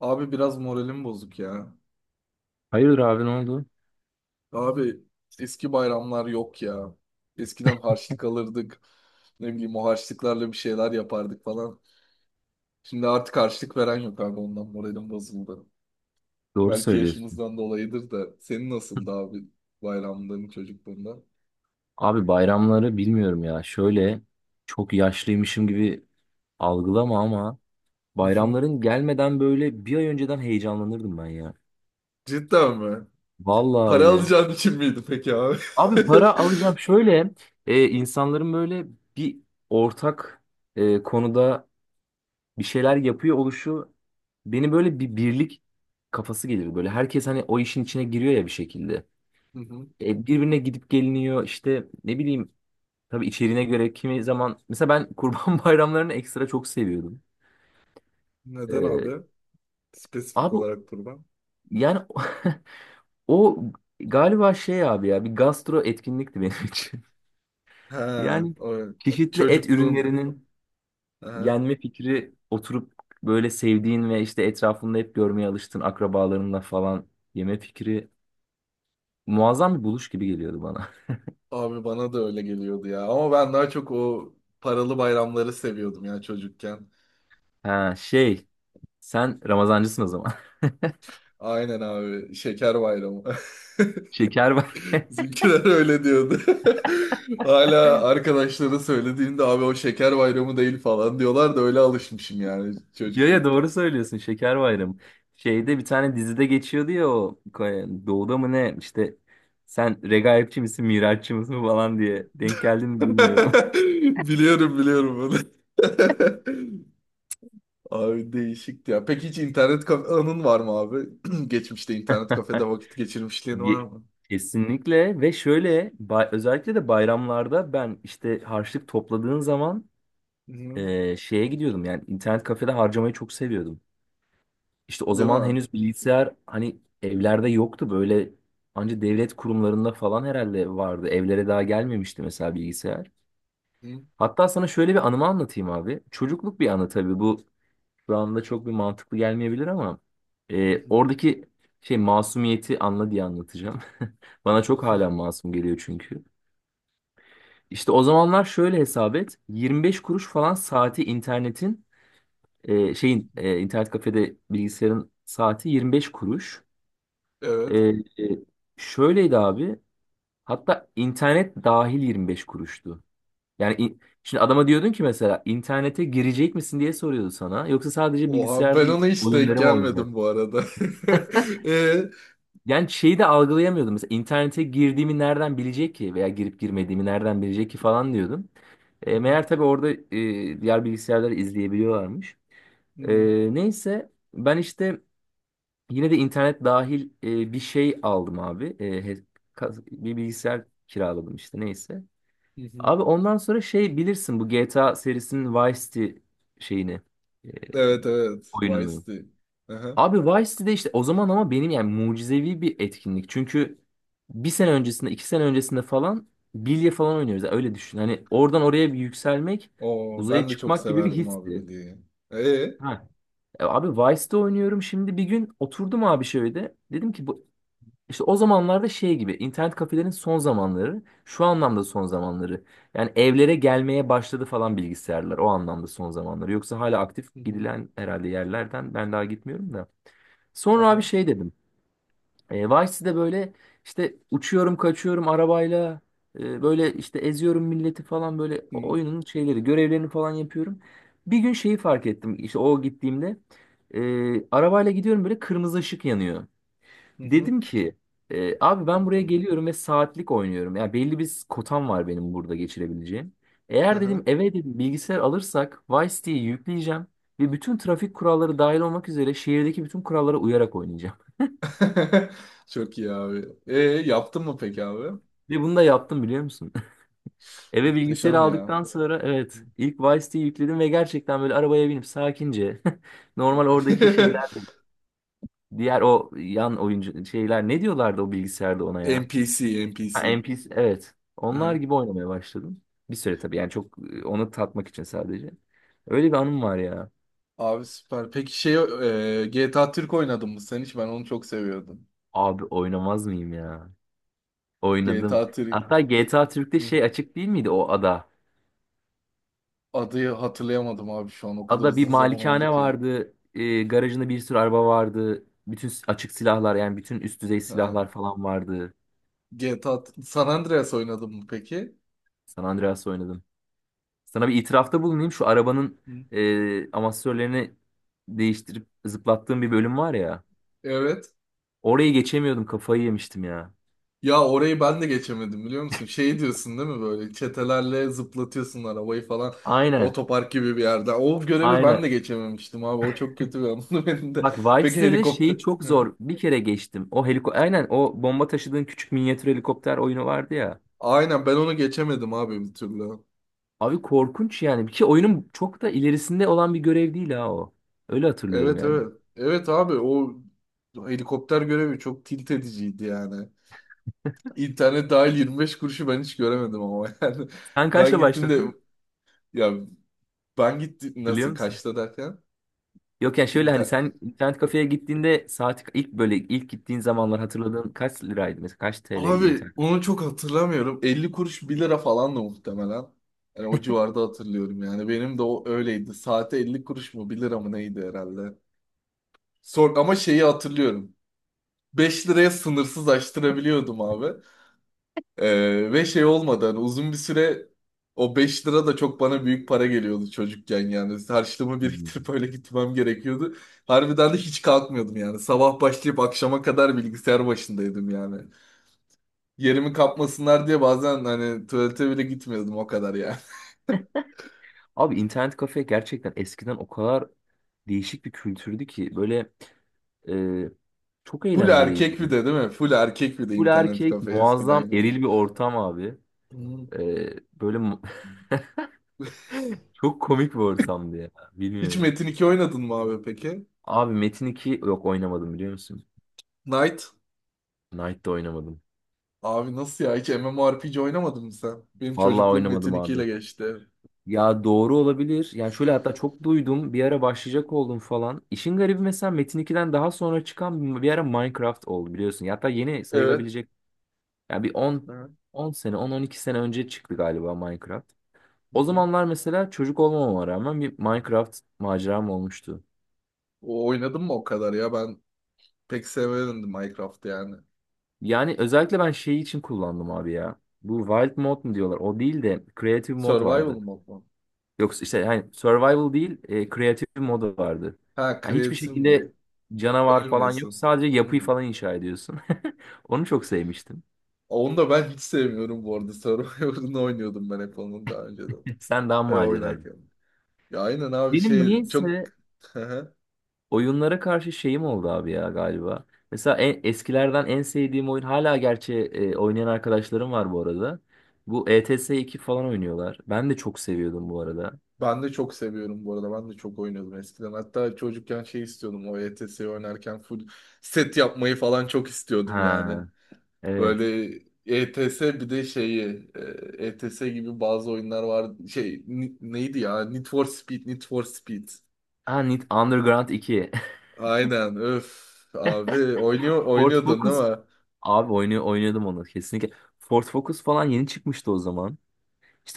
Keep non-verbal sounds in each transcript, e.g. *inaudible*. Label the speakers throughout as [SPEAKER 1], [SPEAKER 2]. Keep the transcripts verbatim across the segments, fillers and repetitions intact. [SPEAKER 1] Abi biraz moralim bozuk ya.
[SPEAKER 2] Hayırdır abi ne oldu?
[SPEAKER 1] Abi eski bayramlar yok ya. Eskiden harçlık alırdık. Ne bileyim o harçlıklarla bir şeyler yapardık falan. Şimdi artık harçlık veren yok abi, ondan moralim bozuldu.
[SPEAKER 2] Doğru
[SPEAKER 1] Belki
[SPEAKER 2] söylüyorsun.
[SPEAKER 1] yaşımızdan dolayıdır da. Senin nasıldı abi bayramların çocukluğunda?
[SPEAKER 2] Abi bayramları bilmiyorum ya. Şöyle çok yaşlıymışım gibi algılama ama
[SPEAKER 1] Hı hı.
[SPEAKER 2] bayramların gelmeden böyle bir ay önceden heyecanlanırdım ben ya.
[SPEAKER 1] Cidden mi?
[SPEAKER 2] Vallahi
[SPEAKER 1] Para
[SPEAKER 2] öyle.
[SPEAKER 1] alacağın için miydi peki abi?
[SPEAKER 2] Abi
[SPEAKER 1] *laughs*
[SPEAKER 2] para alacağım şöyle e, insanların böyle bir ortak e, konuda bir şeyler yapıyor oluşu beni böyle bir birlik kafası gelir böyle. Herkes hani o işin içine giriyor ya bir şekilde.
[SPEAKER 1] Hı hı.
[SPEAKER 2] E, birbirine gidip geliniyor işte ne bileyim. Tabii içeriğine göre kimi zaman mesela ben kurban *laughs* bayramlarını ekstra çok seviyordum.
[SPEAKER 1] Neden
[SPEAKER 2] Ee,
[SPEAKER 1] abi? Spesifik
[SPEAKER 2] Abi
[SPEAKER 1] olarak kurban.
[SPEAKER 2] yani, *laughs* o galiba şey abi ya, bir gastro etkinlikti benim için. *laughs*
[SPEAKER 1] He,
[SPEAKER 2] Yani
[SPEAKER 1] o
[SPEAKER 2] çeşitli et
[SPEAKER 1] çocukluğun.
[SPEAKER 2] ürünlerinin
[SPEAKER 1] He.
[SPEAKER 2] yenme fikri, oturup böyle sevdiğin ve işte etrafında hep görmeye alıştığın akrabalarınla falan yeme fikri muazzam bir buluş gibi geliyordu bana. *laughs*
[SPEAKER 1] Abi bana da öyle geliyordu ya. Ama ben daha çok o paralı bayramları seviyordum ya çocukken.
[SPEAKER 2] Ha, şey, sen Ramazancısın o zaman.
[SPEAKER 1] Aynen abi. Şeker bayramı.
[SPEAKER 2] *laughs* Şeker
[SPEAKER 1] *laughs* Bizimkiler öyle diyordu. *laughs* Hala arkadaşlara söylediğimde abi o şeker bayramı değil falan diyorlar da öyle alışmışım yani
[SPEAKER 2] Ya ya
[SPEAKER 1] çocuklukta.
[SPEAKER 2] doğru söylüyorsun, Şeker Bayramı. Şeyde bir tane dizide geçiyordu ya, o Doğu'da mı ne işte, sen regaipçi misin miraççı mısın falan diye denk geldi mi bilmiyorum.
[SPEAKER 1] *laughs* Biliyorum biliyorum bunu. *laughs* Abi değişikti ya. Peki hiç internet kafe anın var mı abi? *clears throat* Geçmişte internet kafede
[SPEAKER 2] *laughs*
[SPEAKER 1] vakit geçirmişliğin
[SPEAKER 2] Ye-
[SPEAKER 1] var
[SPEAKER 2] Kesinlikle, ve şöyle bay- özellikle de bayramlarda ben işte harçlık topladığın zaman
[SPEAKER 1] mı?
[SPEAKER 2] e, şeye gidiyordum, yani internet kafede harcamayı çok seviyordum. İşte o
[SPEAKER 1] Değil
[SPEAKER 2] zaman
[SPEAKER 1] mi?
[SPEAKER 2] henüz bilgisayar hani evlerde yoktu, böyle anca devlet kurumlarında falan herhalde vardı. Evlere daha gelmemişti mesela bilgisayar.
[SPEAKER 1] Hı,
[SPEAKER 2] Hatta sana şöyle bir anımı anlatayım abi. Çocukluk bir anı tabii bu, şu anda çok bir mantıklı gelmeyebilir ama
[SPEAKER 1] hı,
[SPEAKER 2] e,
[SPEAKER 1] hı,
[SPEAKER 2] oradaki şey masumiyeti anla diye anlatacağım. *laughs* Bana çok
[SPEAKER 1] hı. *laughs*
[SPEAKER 2] hala masum geliyor çünkü. İşte o zamanlar şöyle hesap et. yirmi beş kuruş falan saati internetin, e, şeyin, e, internet kafede bilgisayarın saati yirmi beş kuruş.
[SPEAKER 1] Evet.
[SPEAKER 2] E, e, Şöyleydi abi. Hatta internet dahil yirmi beş kuruştu. Yani in- şimdi adama diyordun ki mesela internete girecek misin diye soruyordu sana. Yoksa sadece
[SPEAKER 1] Oha,
[SPEAKER 2] bilgisayarda
[SPEAKER 1] ben
[SPEAKER 2] yük-
[SPEAKER 1] ona hiç denk
[SPEAKER 2] oyunları mı oynayacak?
[SPEAKER 1] gelmedim bu arada. *laughs* E,
[SPEAKER 2] Yani şeyi de algılayamıyordum. Mesela internete girdiğimi nereden bilecek ki? Veya girip girmediğimi nereden bilecek ki falan diyordum. E,
[SPEAKER 1] hı,
[SPEAKER 2] meğer tabii orada e, diğer bilgisayarları izleyebiliyorlarmış. E,
[SPEAKER 1] hı,
[SPEAKER 2] Neyse ben işte yine de internet dahil e, bir şey aldım abi. E, he- kas- bir bilgisayar kiraladım işte, neyse.
[SPEAKER 1] hı, hı.
[SPEAKER 2] Abi ondan sonra şey, bilirsin bu G T A serisinin Vice City şeyini, e,
[SPEAKER 1] Evet evet. Vice
[SPEAKER 2] oyununu.
[SPEAKER 1] City. Aha.
[SPEAKER 2] Abi Vice City'de işte o zaman ama, benim yani mucizevi bir etkinlik. Çünkü bir sene öncesinde iki sene öncesinde falan bilye falan oynuyoruz. Yani öyle düşün. Hani oradan oraya bir yükselmek,
[SPEAKER 1] Oo,
[SPEAKER 2] uzaya
[SPEAKER 1] ben de çok
[SPEAKER 2] çıkmak gibi bir
[SPEAKER 1] severdim abi
[SPEAKER 2] histi.
[SPEAKER 1] Billy'yi. E,
[SPEAKER 2] Ha. E, Abi Vice'de oynuyorum, şimdi bir gün oturdum abi şöyle. Dedim ki bu, işte o zamanlarda şey gibi, internet kafelerin son zamanları, şu anlamda son zamanları. Yani evlere gelmeye başladı falan bilgisayarlar, o anlamda son zamanları. Yoksa hala aktif
[SPEAKER 1] Hı hı.
[SPEAKER 2] gidilen herhalde yerlerden, ben daha gitmiyorum da. Sonra abi
[SPEAKER 1] Aha.
[SPEAKER 2] şey dedim. E, Vice City'de böyle işte uçuyorum kaçıyorum arabayla, e, böyle işte eziyorum milleti falan, böyle
[SPEAKER 1] Hı,
[SPEAKER 2] oyunun şeyleri, görevlerini falan yapıyorum. Bir gün şeyi fark ettim, işte o gittiğimde e, arabayla gidiyorum böyle, kırmızı ışık yanıyor.
[SPEAKER 1] hı, hı.
[SPEAKER 2] Dedim ki e, abi, ben
[SPEAKER 1] Evet,
[SPEAKER 2] buraya
[SPEAKER 1] tamam.
[SPEAKER 2] geliyorum ve saatlik oynuyorum. Yani belli bir kotam var benim burada geçirebileceğim. Eğer
[SPEAKER 1] Aha.
[SPEAKER 2] dedim eve dedim bilgisayar alırsak, Vice City'yi yükleyeceğim ve bütün trafik kuralları dahil olmak üzere, şehirdeki bütün kurallara uyarak oynayacağım.
[SPEAKER 1] *laughs* Çok iyi abi. E, yaptın mı peki abi?
[SPEAKER 2] *laughs* Ve bunu da yaptım biliyor musun? *laughs* Eve bilgisayarı
[SPEAKER 1] Muhteşem ya.
[SPEAKER 2] aldıktan sonra, evet, ilk Vice City'yi yükledim ve gerçekten böyle arabaya binip sakince, *laughs* normal oradaki şeyler,
[SPEAKER 1] *laughs*
[SPEAKER 2] diğer o yan oyuncu şeyler, ne diyorlardı o bilgisayarda ona ya?
[SPEAKER 1] N P C,
[SPEAKER 2] Ha,
[SPEAKER 1] N P C.
[SPEAKER 2] N P C, evet. Onlar gibi oynamaya başladım. Bir süre tabii, yani çok, e, onu tatmak için sadece. Öyle bir anım var ya.
[SPEAKER 1] Abi süper. Peki şey e, G T A Türk oynadın mı sen hiç? Ben onu çok seviyordum.
[SPEAKER 2] Abi oynamaz mıyım ya? Oynadım.
[SPEAKER 1] G T A Türk.
[SPEAKER 2] Hatta G T A Türk'te
[SPEAKER 1] Hı,
[SPEAKER 2] şey açık değil miydi, o ada?
[SPEAKER 1] adı hatırlayamadım abi şu an. O kadar
[SPEAKER 2] Ada bir
[SPEAKER 1] uzun zaman oldu
[SPEAKER 2] malikane
[SPEAKER 1] ki.
[SPEAKER 2] vardı. E, garajında bir sürü araba vardı. Bütün s- açık silahlar, yani bütün üst düzey
[SPEAKER 1] Ha.
[SPEAKER 2] silahlar falan vardı.
[SPEAKER 1] GTA T- A T- San Andreas oynadın mı peki?
[SPEAKER 2] San Andreas oynadım. Sana bir itirafta bulunayım. Şu arabanın
[SPEAKER 1] Hı.
[SPEAKER 2] e, amortisörlerini değiştirip zıplattığım bir bölüm var ya.
[SPEAKER 1] Evet.
[SPEAKER 2] Orayı geçemiyordum. Kafayı yemiştim ya.
[SPEAKER 1] Ya orayı ben de geçemedim biliyor musun? Şey diyorsun değil mi, böyle çetelerle zıplatıyorsun arabayı falan.
[SPEAKER 2] Aynen.
[SPEAKER 1] Otopark gibi bir yerde. O görevi ben de
[SPEAKER 2] Aynen.
[SPEAKER 1] geçememiştim abi. O çok kötü bir anımdı *laughs* benim de.
[SPEAKER 2] Bak,
[SPEAKER 1] Peki
[SPEAKER 2] Vibes'te de
[SPEAKER 1] helikopter...
[SPEAKER 2] şeyi çok
[SPEAKER 1] Hı.
[SPEAKER 2] zor. Bir kere geçtim. O heliko aynen, o bomba taşıdığın küçük minyatür helikopter oyunu vardı ya.
[SPEAKER 1] Aynen, ben onu geçemedim abi bir türlü.
[SPEAKER 2] Abi korkunç yani. Bir kere oyunun çok da ilerisinde olan bir görev değil ha o. Öyle hatırlıyorum
[SPEAKER 1] Evet
[SPEAKER 2] yani.
[SPEAKER 1] evet. Evet abi o helikopter görevi çok tilt ediciydi yani. İnternet dahil yirmi beş kuruşu ben hiç göremedim ama *laughs* yani.
[SPEAKER 2] Sen
[SPEAKER 1] Ben
[SPEAKER 2] kaçla
[SPEAKER 1] gittim de,
[SPEAKER 2] başladın?
[SPEAKER 1] ya ben gittim
[SPEAKER 2] Hatırlıyor
[SPEAKER 1] nasıl
[SPEAKER 2] musun?
[SPEAKER 1] kaçta derken
[SPEAKER 2] Yok, yani şöyle, hani
[SPEAKER 1] inter
[SPEAKER 2] sen internet kafeye gittiğinde saat, ilk böyle ilk gittiğin zamanlar hatırladığın, kaç liraydı mesela, kaç T L'ydi
[SPEAKER 1] abi
[SPEAKER 2] internet?
[SPEAKER 1] onu çok hatırlamıyorum. elli kuruş bir lira falan da muhtemelen. Yani o civarda hatırlıyorum yani. Benim de o öyleydi. Saate elli kuruş mu bir lira mı neydi herhalde. Son, ama şeyi hatırlıyorum. beş liraya sınırsız açtırabiliyordum abi. Ee, ve şey olmadan uzun bir süre o beş lira da çok bana büyük para geliyordu çocukken yani. Harçlığımı
[SPEAKER 2] Hmm.
[SPEAKER 1] biriktirip öyle gitmem gerekiyordu. Harbiden de hiç kalkmıyordum yani. Sabah başlayıp akşama kadar bilgisayar başındaydım yani. Yerimi kapmasınlar diye bazen hani tuvalete bile gitmiyordum o kadar yani.
[SPEAKER 2] Abi internet kafe gerçekten eskiden o kadar değişik bir kültürdü ki böyle, e, çok
[SPEAKER 1] *laughs* Full
[SPEAKER 2] eğlenceliydi,
[SPEAKER 1] erkek bir
[SPEAKER 2] yani.
[SPEAKER 1] de değil mi? Full erkek bir de
[SPEAKER 2] Full
[SPEAKER 1] internet
[SPEAKER 2] erkek,
[SPEAKER 1] kafe
[SPEAKER 2] muazzam
[SPEAKER 1] eskiden yani.
[SPEAKER 2] eril bir ortam abi.
[SPEAKER 1] Hmm.
[SPEAKER 2] E, Böyle mu- *laughs* çok komik bir ortamdı ya.
[SPEAKER 1] Hiç
[SPEAKER 2] Bilmiyorum.
[SPEAKER 1] Metin iki oynadın mı abi peki?
[SPEAKER 2] Abi Metin iki, yok, oynamadım biliyor musun?
[SPEAKER 1] Knight?
[SPEAKER 2] Knight'da oynamadım.
[SPEAKER 1] Abi nasıl ya? Hiç MMORPG oynamadın mı sen? Benim
[SPEAKER 2] Vallahi
[SPEAKER 1] çocukluğum Metin
[SPEAKER 2] oynamadım
[SPEAKER 1] iki ile
[SPEAKER 2] abi.
[SPEAKER 1] geçti.
[SPEAKER 2] Ya, doğru olabilir. Yani şöyle, hatta çok duydum. Bir ara başlayacak oldum falan. İşin garibi, mesela Metin ikiden daha sonra çıkan, bir ara Minecraft oldu biliyorsun. Ya hatta yeni
[SPEAKER 1] Evet.
[SPEAKER 2] sayılabilecek, yani bir 10
[SPEAKER 1] Evet.
[SPEAKER 2] 10 sene, on, on iki sene önce çıktı galiba Minecraft.
[SPEAKER 1] Hı
[SPEAKER 2] O
[SPEAKER 1] hı.
[SPEAKER 2] zamanlar mesela çocuk olmamama rağmen bir Minecraft maceram olmuştu.
[SPEAKER 1] O- oynadım mı o kadar ya? Ben pek sevemedim Minecraft'ı yani.
[SPEAKER 2] Yani özellikle ben şeyi için kullandım abi ya. Bu Wild Mode mu diyorlar? O değil de Creative Mode vardı.
[SPEAKER 1] Survival mod mu?
[SPEAKER 2] Yoksa işte hani Survival değil, e, Creative Mode vardı.
[SPEAKER 1] Ha,
[SPEAKER 2] Yani hiçbir
[SPEAKER 1] creative mod.
[SPEAKER 2] şekilde canavar falan yok.
[SPEAKER 1] Ölmüyorsun.
[SPEAKER 2] Sadece yapıyı
[SPEAKER 1] Hmm.
[SPEAKER 2] falan inşa ediyorsun. *laughs* Onu çok sevmiştim.
[SPEAKER 1] Onu da ben hiç sevmiyorum bu arada. *laughs* Survival'ını oynuyordum ben hep onun daha önceden.
[SPEAKER 2] *laughs* Sen daha
[SPEAKER 1] Hani
[SPEAKER 2] maceracı.
[SPEAKER 1] oynarken. Ya aynen abi
[SPEAKER 2] Benim
[SPEAKER 1] şey çok...
[SPEAKER 2] niyeyse
[SPEAKER 1] Hı hı.
[SPEAKER 2] oyunlara karşı şeyim oldu abi ya galiba. Mesela en, eskilerden en sevdiğim oyun hala, gerçi e, oynayan arkadaşlarım var bu arada. Bu E T S iki falan oynuyorlar. Ben de çok seviyordum bu arada.
[SPEAKER 1] Ben de çok seviyorum bu arada. Ben de çok oynuyordum eskiden. Hatta çocukken şey istiyordum. O E T S'yi oynarken full set yapmayı falan çok istiyordum yani.
[SPEAKER 2] Ha, evet.
[SPEAKER 1] Böyle E T S bir de şeyi, e, ETS gibi bazı oyunlar var. Şey ni- neydi ya? Need for Speed, Need for Speed.
[SPEAKER 2] Ha, Need Underground iki.
[SPEAKER 1] Aynen. Öf abi
[SPEAKER 2] *laughs*
[SPEAKER 1] oynuyor
[SPEAKER 2] Ford
[SPEAKER 1] oynuyordun değil
[SPEAKER 2] Focus,
[SPEAKER 1] mi?
[SPEAKER 2] abi oynuyor oynuyordum onu kesinlikle. Ford Focus falan yeni çıkmıştı o zaman.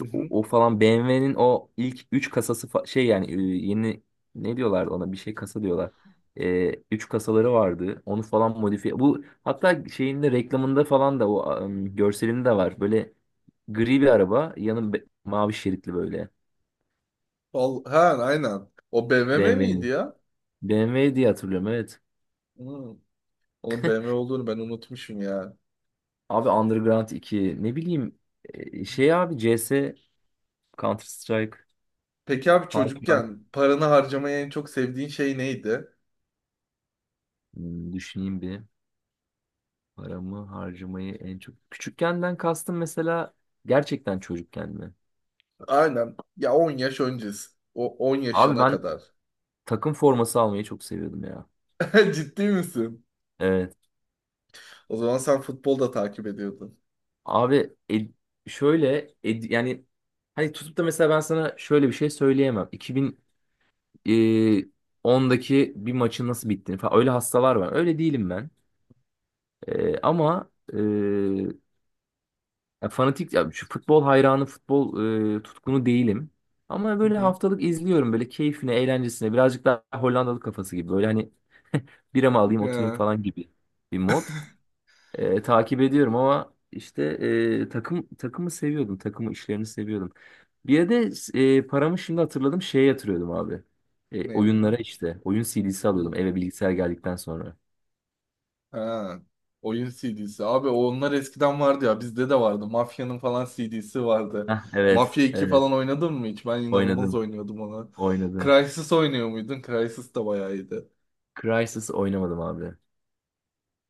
[SPEAKER 1] Hı
[SPEAKER 2] o,
[SPEAKER 1] hı.
[SPEAKER 2] o falan B M W'nin o ilk üç kasası fa- şey, yani e, yeni, ne diyorlardı ona, bir şey kasa diyorlar. E, üç kasaları vardı. Onu falan modifiye. Bu hatta şeyinde, reklamında falan da o, em, görselinde de var. Böyle gri bir araba, yanı be- mavi şeritli böyle
[SPEAKER 1] Val- Ha aynen. O B M W miydi
[SPEAKER 2] B M W'nin.
[SPEAKER 1] ya?
[SPEAKER 2] B M W diye hatırlıyorum, evet.
[SPEAKER 1] Hı. Onun B M W olduğunu ben unutmuşum ya.
[SPEAKER 2] Abi Underground iki, ne bileyim, e, şey abi, C S, Counter Strike,
[SPEAKER 1] Peki abi
[SPEAKER 2] Half-Life.
[SPEAKER 1] çocukken paranı harcamayı en çok sevdiğin şey neydi?
[SPEAKER 2] Hmm, düşüneyim bir. Paramı harcamayı en çok... Küçükkenden kastım, mesela gerçekten çocukken mi?
[SPEAKER 1] Aynen. Ya on yaş öncesi. O on
[SPEAKER 2] Abi
[SPEAKER 1] yaşına
[SPEAKER 2] ben
[SPEAKER 1] kadar.
[SPEAKER 2] takım forması almayı çok seviyordum ya.
[SPEAKER 1] *laughs* Ciddi misin?
[SPEAKER 2] Evet.
[SPEAKER 1] O zaman sen futbol da takip ediyordun.
[SPEAKER 2] Abi el- şöyle ed- yani, hani tutup da mesela ben sana şöyle bir şey söyleyemem. iki bin ondaki bir maçın nasıl bittiğini falan, öyle hastalar var. Öyle değilim ben. E, ama e, ya fanatik, ya şu futbol hayranı, futbol e, tutkunu değilim. Ama böyle
[SPEAKER 1] *laughs*
[SPEAKER 2] haftalık izliyorum, böyle keyfine, eğlencesine. Birazcık daha Hollandalı kafası gibi. Böyle hani, bira mı alayım oturayım
[SPEAKER 1] Ha,
[SPEAKER 2] falan gibi bir mod. E, takip ediyorum ama işte, e, takım, takımı seviyordum. Takımı, işlerini seviyordum. Bir de e, paramı, şimdi hatırladım, şeye yatırıyordum abi. E,
[SPEAKER 1] ne abi?
[SPEAKER 2] oyunlara işte. Oyun C D'si alıyordum
[SPEAKER 1] Hmm.
[SPEAKER 2] eve bilgisayar geldikten sonra.
[SPEAKER 1] Ha, oyun C D'si. Abi onlar eskiden vardı ya. Bizde de vardı. Mafya'nın falan C D'si vardı.
[SPEAKER 2] Heh, evet.
[SPEAKER 1] Mafya iki
[SPEAKER 2] Evet.
[SPEAKER 1] falan oynadın mı hiç? Ben inanılmaz
[SPEAKER 2] Oynadım.
[SPEAKER 1] oynuyordum ona.
[SPEAKER 2] Oynadım.
[SPEAKER 1] Crysis oynuyor muydun? Crysis de bayağı iyiydi.
[SPEAKER 2] Crysis oynamadım abi.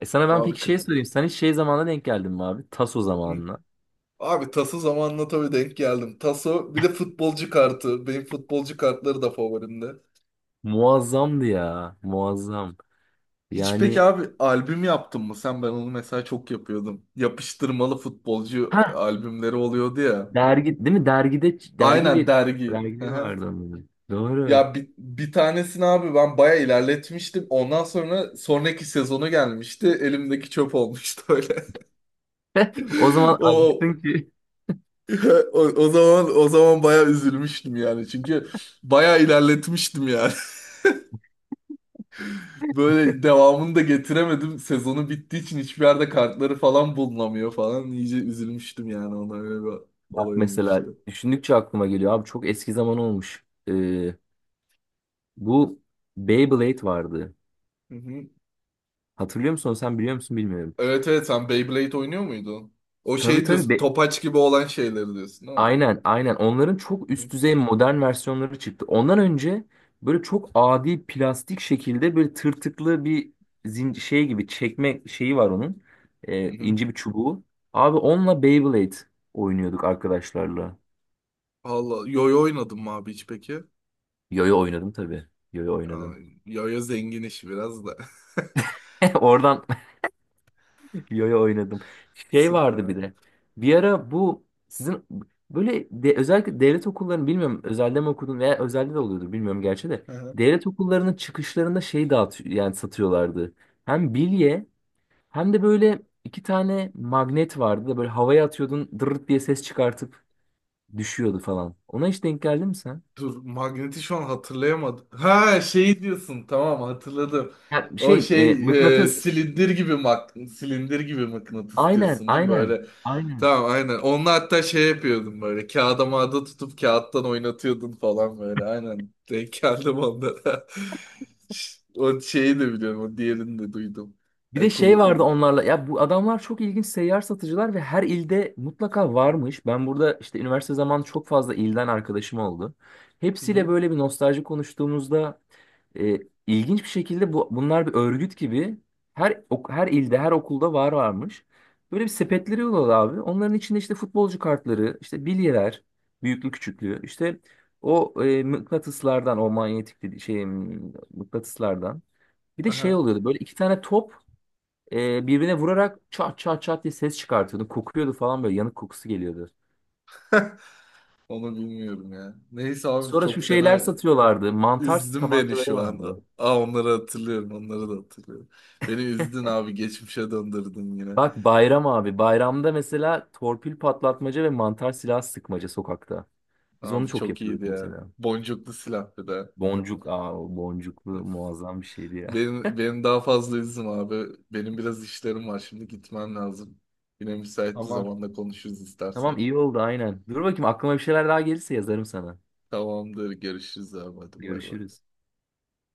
[SPEAKER 2] E sana ben
[SPEAKER 1] Abi
[SPEAKER 2] peki
[SPEAKER 1] kır...
[SPEAKER 2] şey sorayım. Sen hiç şey zamanına denk geldin mi abi? Taso
[SPEAKER 1] Hı.
[SPEAKER 2] zamanına.
[SPEAKER 1] Abi Taso zamanla tabii denk geldim. Taso bir de futbolcu kartı. Benim futbolcu kartları da favorimde.
[SPEAKER 2] Muazzamdı ya. Muazzam.
[SPEAKER 1] Hiç peki
[SPEAKER 2] Yani,
[SPEAKER 1] abi albüm yaptın mı sen? Ben onu mesela çok yapıyordum. Yapıştırmalı futbolcu
[SPEAKER 2] ha,
[SPEAKER 1] albümleri oluyordu ya.
[SPEAKER 2] dergi değil mi? Dergide, dergi,
[SPEAKER 1] Aynen
[SPEAKER 2] bir
[SPEAKER 1] dergi. Hı
[SPEAKER 2] dergileri
[SPEAKER 1] hı.
[SPEAKER 2] vardı onların. Doğru.
[SPEAKER 1] Ya bir, bir tanesini abi ben baya ilerletmiştim. Ondan sonra sonraki sezonu gelmişti. Elimdeki çöp olmuştu öyle. *laughs*
[SPEAKER 2] *laughs* O zaman
[SPEAKER 1] O,
[SPEAKER 2] acıktın ki.
[SPEAKER 1] o, o zaman o zaman baya üzülmüştüm yani. Çünkü baya ilerletmiştim yani. *laughs* Böyle devamını da getiremedim. Sezonu bittiği için hiçbir yerde kartları falan bulunamıyor falan. İyice üzülmüştüm yani, ona öyle bir
[SPEAKER 2] Bak,
[SPEAKER 1] olay
[SPEAKER 2] mesela
[SPEAKER 1] olmuştu.
[SPEAKER 2] düşündükçe aklıma geliyor abi, çok eski zaman olmuş. Ee, bu Beyblade vardı.
[SPEAKER 1] Hı hı.
[SPEAKER 2] Hatırlıyor musun? Sen biliyor musun bilmiyorum.
[SPEAKER 1] Evet evet, sen Beyblade oynuyor muydun? O
[SPEAKER 2] Tabii
[SPEAKER 1] şey
[SPEAKER 2] tabii.
[SPEAKER 1] diyorsun,
[SPEAKER 2] Be-
[SPEAKER 1] topaç gibi olan şeyleri diyorsun değil mi?
[SPEAKER 2] Aynen, aynen. Onların çok üst düzey modern versiyonları çıktı. Ondan önce böyle çok adi plastik şekilde, böyle tırtıklı bir zin şey gibi çekme şeyi var onun. Ee,
[SPEAKER 1] Hı hı.
[SPEAKER 2] ince bir çubuğu. Abi onunla Beyblade oynuyorduk arkadaşlarla.
[SPEAKER 1] Valla yoyo oynadım mı abi hiç peki?
[SPEAKER 2] Yoyo oynadım tabii. Yoyo
[SPEAKER 1] Ya,
[SPEAKER 2] oynadım.
[SPEAKER 1] yoyo zengin işi biraz da.
[SPEAKER 2] *laughs* Oradan Yo-yo oynadım.
[SPEAKER 1] *laughs*
[SPEAKER 2] Şey
[SPEAKER 1] Süper
[SPEAKER 2] vardı bir
[SPEAKER 1] abi.
[SPEAKER 2] de. Bir ara bu sizin böyle de, özellikle devlet okullarını bilmiyorum, özelde mi okudun veya özelde de oluyordur bilmiyorum gerçi de. Devlet okullarının çıkışlarında şey dağıtıyor, yani satıyorlardı. Hem bilye hem de böyle iki tane magnet vardı da, böyle havaya atıyordun dırırt diye ses çıkartıp düşüyordu falan. Ona hiç denk geldin mi sen?
[SPEAKER 1] Dur, Magnet'i şu an hatırlayamadım. Ha şey diyorsun, tamam hatırladım.
[SPEAKER 2] Ya
[SPEAKER 1] O
[SPEAKER 2] şey,
[SPEAKER 1] şey,
[SPEAKER 2] e,
[SPEAKER 1] e,
[SPEAKER 2] mıknatıs.
[SPEAKER 1] silindir gibi mak silindir gibi mıknatıs
[SPEAKER 2] Aynen
[SPEAKER 1] diyorsun değil mi
[SPEAKER 2] aynen.
[SPEAKER 1] böyle?
[SPEAKER 2] Aynen.
[SPEAKER 1] Tamam aynen. Onunla hatta şey yapıyordum, böyle kağıda mağda tutup kağıttan oynatıyordun falan böyle, aynen. Denk geldim onlara. *laughs* O şeyi de biliyorum, o diğerini de duydum.
[SPEAKER 2] Bir de
[SPEAKER 1] E,
[SPEAKER 2] şey vardı
[SPEAKER 1] kul-
[SPEAKER 2] onlarla. Ya, bu adamlar çok ilginç seyyar satıcılar ve her ilde mutlaka varmış. Ben burada işte üniversite zamanı çok fazla ilden arkadaşım oldu.
[SPEAKER 1] Hı
[SPEAKER 2] Hepsiyle
[SPEAKER 1] hı.
[SPEAKER 2] böyle bir nostalji konuştuğumuzda e, ilginç bir şekilde, bu bunlar bir örgüt gibi her ok- her ilde, her okulda var varmış. Böyle bir sepetleri oluyordu abi. Onların içinde işte futbolcu kartları, işte bilyeler, büyüklü küçüklü, işte o e, mıknatıslardan, o manyetik dedi- şey mıknatıslardan. Bir de şey
[SPEAKER 1] Aha,
[SPEAKER 2] oluyordu, böyle iki tane top e, birbirine vurarak çat çat çat diye ses çıkartıyordu. Kokuyordu falan, böyle yanık kokusu geliyordu.
[SPEAKER 1] onu bilmiyorum ya. Neyse abi
[SPEAKER 2] Sonra
[SPEAKER 1] çok
[SPEAKER 2] şu şeyler
[SPEAKER 1] fena.
[SPEAKER 2] satıyorlardı. Mantar
[SPEAKER 1] Üzdün beni
[SPEAKER 2] tabancaları
[SPEAKER 1] şu an.
[SPEAKER 2] vardı.
[SPEAKER 1] Aa, onları hatırlıyorum. Onları da hatırlıyorum. Beni üzdün abi. Geçmişe döndürdün yine.
[SPEAKER 2] Bak, bayram abi. Bayramda mesela torpil patlatmaca ve mantar silah sıkmaca sokakta. Biz onu
[SPEAKER 1] Abi
[SPEAKER 2] çok
[SPEAKER 1] çok iyiydi
[SPEAKER 2] yapıyorduk
[SPEAKER 1] ya.
[SPEAKER 2] mesela.
[SPEAKER 1] Boncuklu silah bir de.
[SPEAKER 2] Boncuk. Aa, o boncuklu muazzam bir şeydi ya. *laughs*
[SPEAKER 1] Benim, benim daha fazla üzüm abi. Benim biraz işlerim var. Şimdi gitmem lazım. Yine müsait bir
[SPEAKER 2] Tamam.
[SPEAKER 1] zamanda konuşuruz istersen.
[SPEAKER 2] Tamam, iyi oldu aynen. Dur bakayım, aklıma bir şeyler daha gelirse yazarım sana.
[SPEAKER 1] Tamamdır. Görüşürüz abi. Hadi bay bay.
[SPEAKER 2] Görüşürüz.